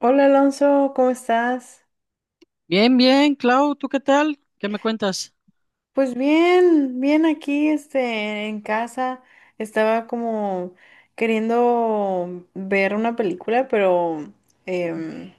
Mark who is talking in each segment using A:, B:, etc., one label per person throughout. A: Hola Alonso, ¿cómo estás?
B: Bien, bien, Clau, ¿tú qué tal? ¿Qué me cuentas?
A: Pues bien, bien aquí, en casa. Estaba como queriendo ver una película, pero em,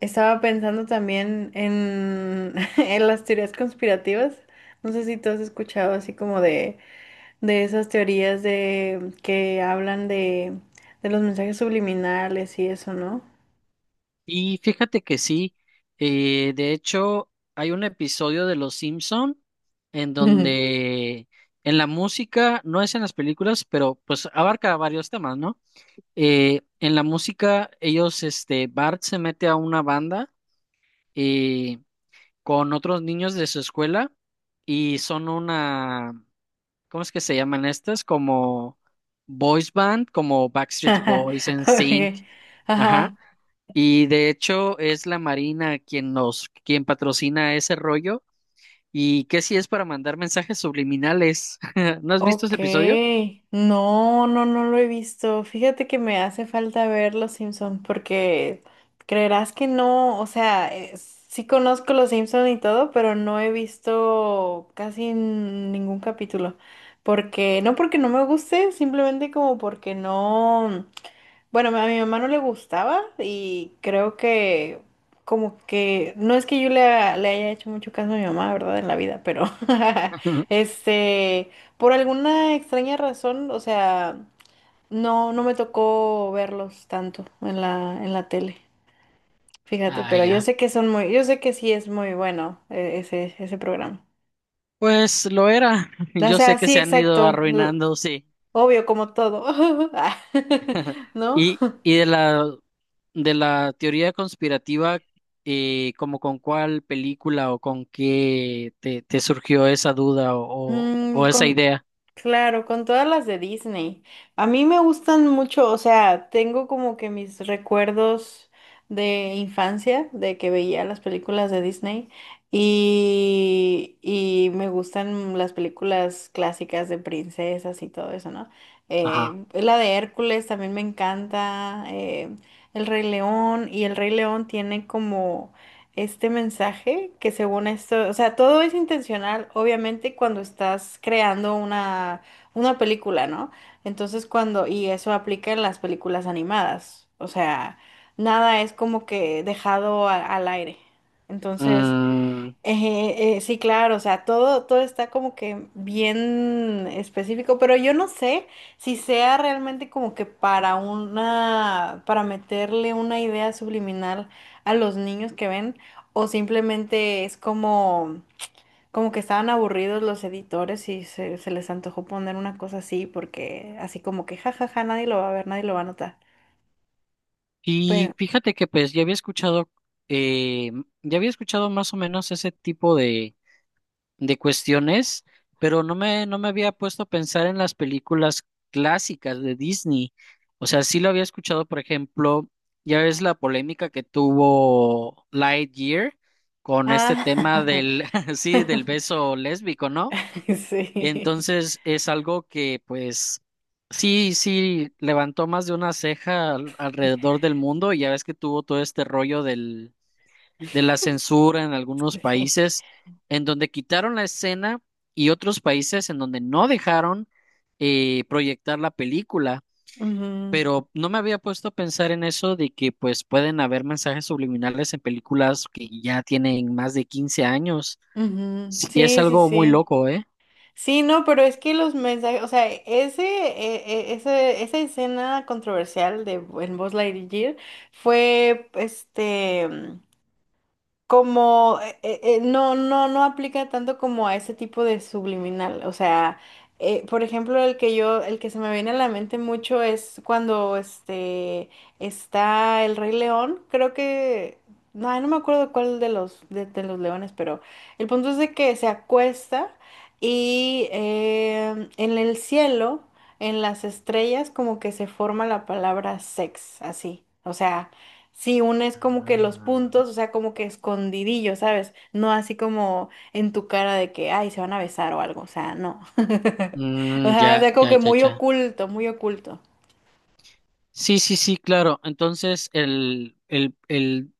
A: estaba pensando también en las teorías conspirativas. No sé si tú has escuchado así como de esas teorías de que hablan de los mensajes subliminales y eso, ¿no?
B: Y fíjate que sí, de hecho hay un episodio de Los Simpson en donde en la música, no es en las películas, pero pues abarca varios temas, ¿no? En la música ellos, Bart se mete a una banda eh, con otros niños de su escuela y son una, ¿cómo es que se llaman estas? Como boys band, como Backstreet Boys, sync.
A: Okay.
B: Ajá.
A: Ajá.
B: Y de hecho es la Marina quien patrocina ese rollo. ¿Y qué si es para mandar mensajes subliminales? ¿No has visto ese
A: Ok,
B: episodio?
A: no lo he visto. Fíjate que me hace falta ver Los Simpson porque creerás que no, o sea, sí conozco Los Simpson y todo, pero no he visto casi ningún capítulo. Porque no me guste, simplemente como porque no. Bueno, a mi mamá no le gustaba y creo que como que no es que yo le, le haya hecho mucho caso a mi mamá, ¿verdad? En la vida, pero este, por alguna extraña razón, o sea, no me tocó verlos tanto en en la tele, fíjate,
B: Ah,
A: pero yo
B: ya.
A: sé que son muy, yo sé que sí es muy bueno ese programa.
B: Pues lo era.
A: O
B: Yo sé
A: sea,
B: que
A: sí,
B: se han ido
A: exacto,
B: arruinando, sí.
A: obvio, como todo, Ah, ¿no?
B: Y de la teoría conspirativa, como con cuál película o con qué te surgió esa duda o, o-
A: Mm,
B: o esa
A: con,
B: idea.
A: claro, con todas las de Disney. A mí me gustan mucho, o sea, tengo como que mis recuerdos de infancia, de que veía las películas de Disney y me gustan las películas clásicas de princesas y todo eso, ¿no?
B: Ajá.
A: La de Hércules también me encanta, El Rey León. Y El Rey León tiene como este mensaje que según esto, o sea, todo es intencional, obviamente, cuando estás creando una película, ¿no? Entonces, cuando, y eso aplica en las películas animadas, o sea, nada es como que dejado al aire. Entonces,
B: Mm,
A: sí, claro, o sea, todo está como que bien específico, pero yo no sé si sea realmente como que para una, para meterle una idea subliminal a los niños que ven, o simplemente es como, como que estaban aburridos los editores y se les antojó poner una cosa así, porque así como que jajaja, nadie lo va a ver, nadie lo va a notar.
B: y
A: Pero,
B: fíjate que pues eh, ya había escuchado más o menos ese tipo de cuestiones, pero no me había puesto a pensar en las películas clásicas de Disney. O sea, sí lo había escuchado, por ejemplo, ya ves la polémica que tuvo Lightyear con este tema
A: ah,
B: sí, del beso lésbico, ¿no?
A: sí,
B: Entonces es algo que, pues, sí, sí, levantó más de una ceja alrededor del mundo y ya ves que tuvo todo este rollo del de la censura en algunos
A: sí.
B: países, en donde quitaron la escena y otros países en donde no dejaron proyectar la película.
A: Ujú.
B: Pero no me había puesto a pensar en eso de que pues pueden haber mensajes subliminales en películas que ya tienen más de 15 años.
A: Ujú.
B: Sí, es
A: Sí, sí,
B: algo muy
A: sí.
B: loco, ¿eh?
A: Sí, no, pero es que los mensajes, o sea, esa escena controversial de en Buzz Lightyear fue, este, como no aplica tanto como a ese tipo de subliminal. O sea, por ejemplo, el que yo, el que se me viene a la mente mucho es cuando este está el Rey León. Creo que. No, ay, no me acuerdo cuál de los, de los leones, pero el punto es de que se acuesta y en el cielo, en las estrellas, como que se forma la palabra sex, así. O sea. Sí, una es como que los
B: Ah.
A: puntos, o sea, como que escondidillo, ¿sabes? No así como en tu cara de que, ay, se van a besar o algo, o sea, no.
B: Mm,
A: O
B: ya,
A: sea, como
B: ya,
A: que
B: ya,
A: muy
B: ya.
A: oculto, muy oculto.
B: Sí, sí, sí, claro. Entonces, el, el, el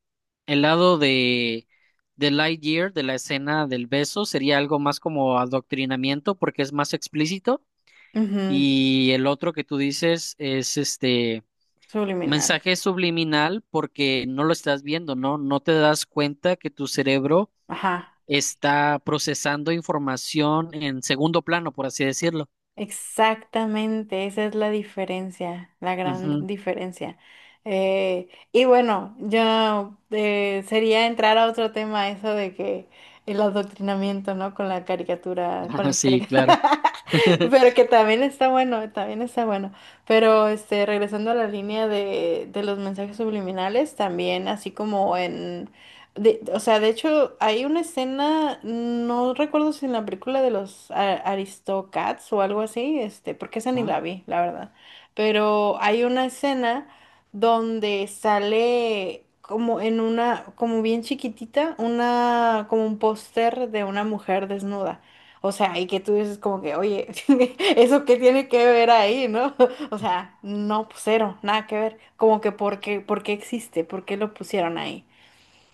B: El lado de Lightyear, de la escena del beso, sería algo más como adoctrinamiento porque es más explícito.
A: Ujú.
B: Y el otro que tú dices es este
A: Subliminal.
B: mensaje subliminal porque no lo estás viendo, ¿no? No te das cuenta que tu cerebro
A: Ajá.
B: está procesando información en segundo plano, por así decirlo.
A: Exactamente, esa es la diferencia, la gran
B: Ujú.
A: diferencia. Y bueno, yo sería entrar a otro tema, eso de que el adoctrinamiento, ¿no? Con la caricatura, con las
B: Sí,
A: caricaturas,
B: claro.
A: pero que también está bueno, también está bueno. Pero este, regresando a la línea de los mensajes subliminales, también así como en o sea, de hecho, hay una escena, no recuerdo si en la película de los Aristocats o algo así, este, porque esa ni
B: Ah,
A: la vi, la verdad. Pero hay una escena donde sale como en una, como bien chiquitita, una, como un póster de una mujer desnuda. O sea, y que tú dices como que, oye, ¿eso qué tiene que ver ahí, no? O sea, no, pues, cero, nada que ver. Como que, por qué existe? ¿Por qué lo pusieron ahí?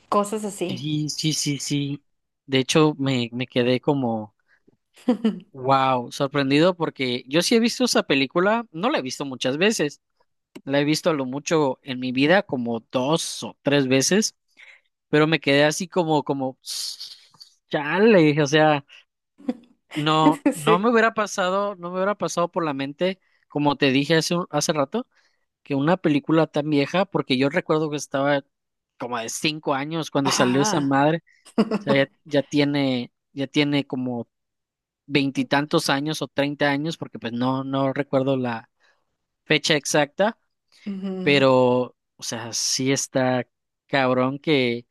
A: Cosas así.
B: sí, sí, sí, sí. De hecho, me quedé como... Wow, sorprendido porque yo sí he visto esa película, no la he visto muchas veces, la he visto a lo mucho en mi vida como dos o tres veces, pero me quedé así chale, o sea, no, no
A: Sí.
B: me hubiera pasado, no me hubiera pasado por la mente, como te dije hace rato, que una película tan vieja, porque yo recuerdo que estaba como de 5 años cuando salió esa
A: Ajá.
B: madre, o sea, ya tiene como veintitantos años o 30 años, porque pues no, no recuerdo la fecha exacta,
A: Ujú.
B: pero, o sea, sí está cabrón que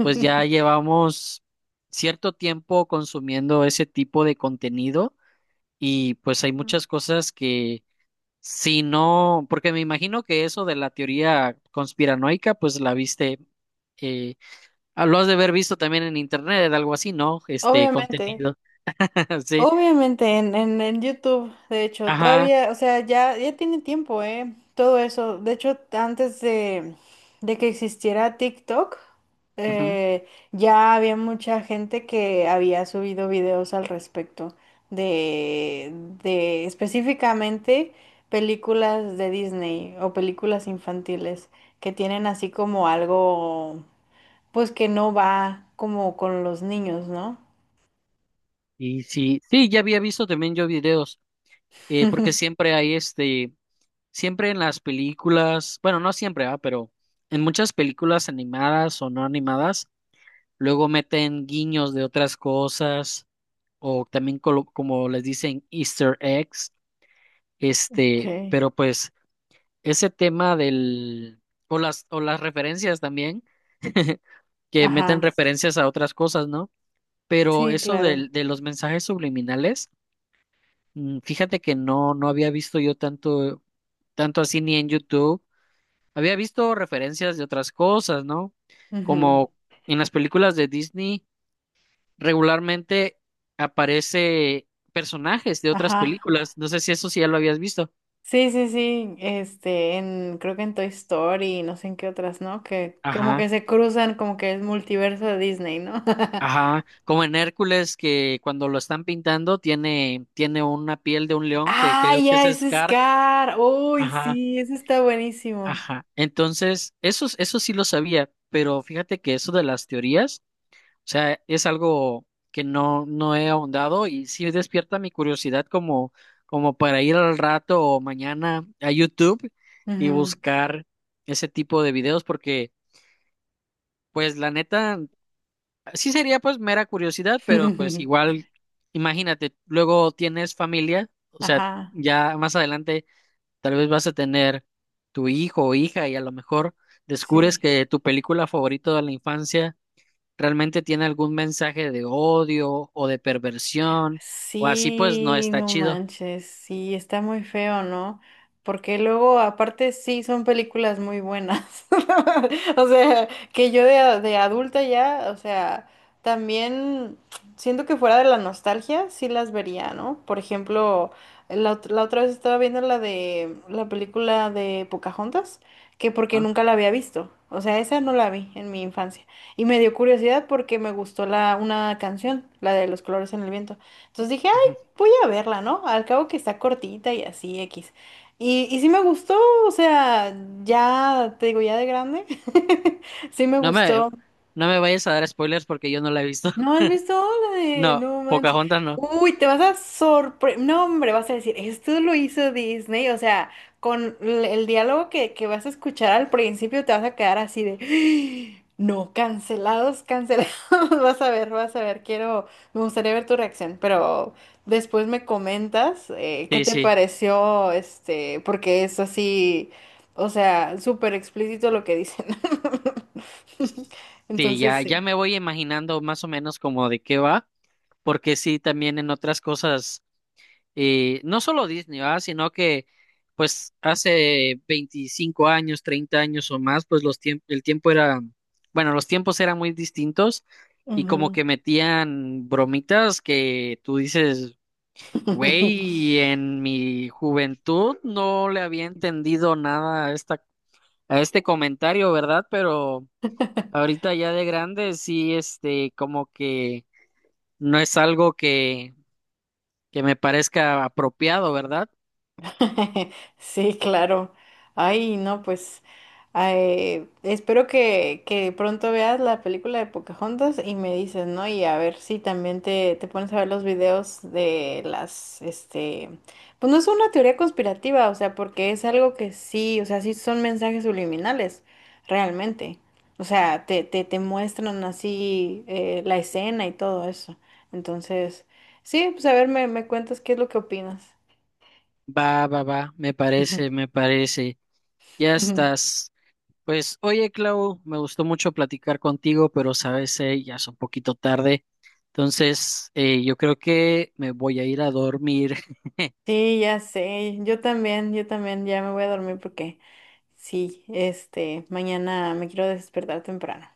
B: pues ya llevamos cierto tiempo consumiendo ese tipo de contenido y pues hay muchas cosas que si no, porque me imagino que eso de la teoría conspiranoica, pues la viste. Eh, lo has de haber visto también en internet, algo así, ¿no? Este
A: Obviamente.
B: contenido, sí,
A: Obviamente en YouTube, de hecho,
B: ajá,
A: todavía, o sea, ya, ya tiene tiempo, ¿eh? Todo eso. De hecho, antes de que existiera TikTok,
B: ujú.
A: ya había mucha gente que había subido videos al respecto de, de específicamente películas de Disney o películas infantiles que tienen así como algo, pues que no va como con los niños, ¿no?
B: Y sí, sí, ya había visto también yo videos, porque siempre hay siempre en las películas, bueno, no siempre, pero en muchas películas animadas o no animadas, luego meten guiños de otras cosas, o también como les dicen Easter eggs,
A: Ok.
B: pero pues ese tema o las referencias también, que meten
A: Ajá.
B: referencias a otras cosas, ¿no? Pero
A: Sí,
B: eso
A: claro.
B: del, de los mensajes subliminales. Fíjate que no, no había visto yo tanto así ni en YouTube. Había visto referencias de otras cosas, ¿no?
A: Ujú.
B: Como en las películas de Disney regularmente aparece personajes de otras
A: Ajá.
B: películas. No sé si eso sí ya lo habías visto.
A: Sí, sí, sí. Este, en, creo que en Toy Story y no sé en qué otras, ¿no? Que como que
B: Ajá,
A: se cruzan, como que es multiverso de Disney, ¿no?
B: ajá. Como en Hércules que cuando lo están pintando tiene una piel de un león que
A: Ah,
B: creo que es
A: ya, ese es
B: Scar.
A: Scar. Uy,
B: Ajá,
A: sí, ese está buenísimo.
B: ajá. Entonces, eso sí lo sabía, pero fíjate que eso de las teorías. Sea, es algo que no, no he ahondado y sí despierta mi curiosidad como, para ir al rato o mañana a YouTube y
A: Ujú.
B: buscar ese tipo de videos porque, pues, la neta, sí sería pues mera curiosidad, pero pues igual, imagínate, luego tienes familia, o sea,
A: Ajá,
B: ya más adelante tal vez vas a tener tu hijo o hija y a lo mejor descubres
A: sí.
B: que tu película favorita de la infancia realmente tiene algún mensaje de odio o de perversión o así, pues no
A: Sí,
B: está
A: no
B: chido,
A: manches, sí, está muy feo, ¿no? Porque luego, aparte, sí, son películas muy buenas. O sea, que yo de adulta ya, o sea, también siento que fuera de la nostalgia, sí las vería, ¿no? Por ejemplo, la, la otra vez estaba viendo la de la película de Pocahontas, que porque
B: ¿no?
A: nunca la había visto. O sea, esa no la vi en mi infancia. Y me dio curiosidad porque me gustó la, una canción, la de Los colores en el viento. Entonces dije, ay,
B: Ujú.
A: voy a verla, ¿no? Al cabo que está cortita y así, X. Y sí me gustó, o sea, ya, te digo, ya de grande, sí me
B: No me,
A: gustó.
B: no me vayas a dar spoilers porque yo no la he visto.
A: ¿No has visto la de
B: No,
A: No manches?
B: Pocahontas no.
A: Uy, te vas a sorprender. No, hombre, vas a decir, esto lo hizo Disney. O sea, con el diálogo que vas a escuchar al principio, te vas a quedar así de. No, cancelados, cancelados. Vas a ver, vas a ver. Quiero. Me gustaría ver tu reacción, pero después me comentas qué
B: Sí,
A: te
B: sí.
A: pareció, este, porque es así. O sea, súper explícito lo que dicen.
B: Sí,
A: Entonces,
B: ya, ya
A: sí.
B: me voy imaginando más o menos como de qué va, porque sí, también en otras cosas. Y no solo Disney, ¿verdad? Sino que pues hace 25 años, 30 años o más, pues los tiempos, el tiempo era, bueno, los tiempos eran muy distintos y como
A: Ujú.
B: que metían bromitas que tú dices, güey, en mi juventud no le había entendido nada a este comentario, ¿verdad? Pero ahorita ya de grande sí, como que no es algo que me parezca apropiado, ¿verdad?
A: Sí, claro. Ay, no, pues ay, espero que pronto veas la película de Pocahontas y me dices, ¿no? Y a ver si también te pones a ver los videos de las, este, pues no es una teoría conspirativa, o sea, porque es algo que sí, o sea, sí son mensajes subliminales, realmente. O sea, te muestran así la escena y todo eso. Entonces, sí, pues a ver, me cuentas qué es lo que opinas.
B: Va, va, va, me
A: Ujú,
B: parece, me parece. Ya
A: ujú.
B: estás. Pues, oye, Clau, me gustó mucho platicar contigo, pero sabes, ya es un poquito tarde. Entonces, yo creo que me voy a ir a dormir.
A: Sí, ya sé, yo también, ya me voy a dormir porque sí, este, mañana me quiero despertar temprano.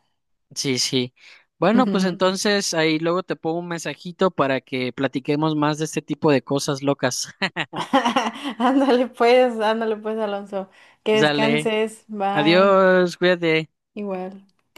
B: Sí, sí. Bueno, pues entonces ahí luego te pongo un mensajito para que platiquemos más de este tipo de cosas locas.
A: Ándale pues, Alonso, que
B: Dale,
A: descanses, bye,
B: adiós, cuídate.
A: igual.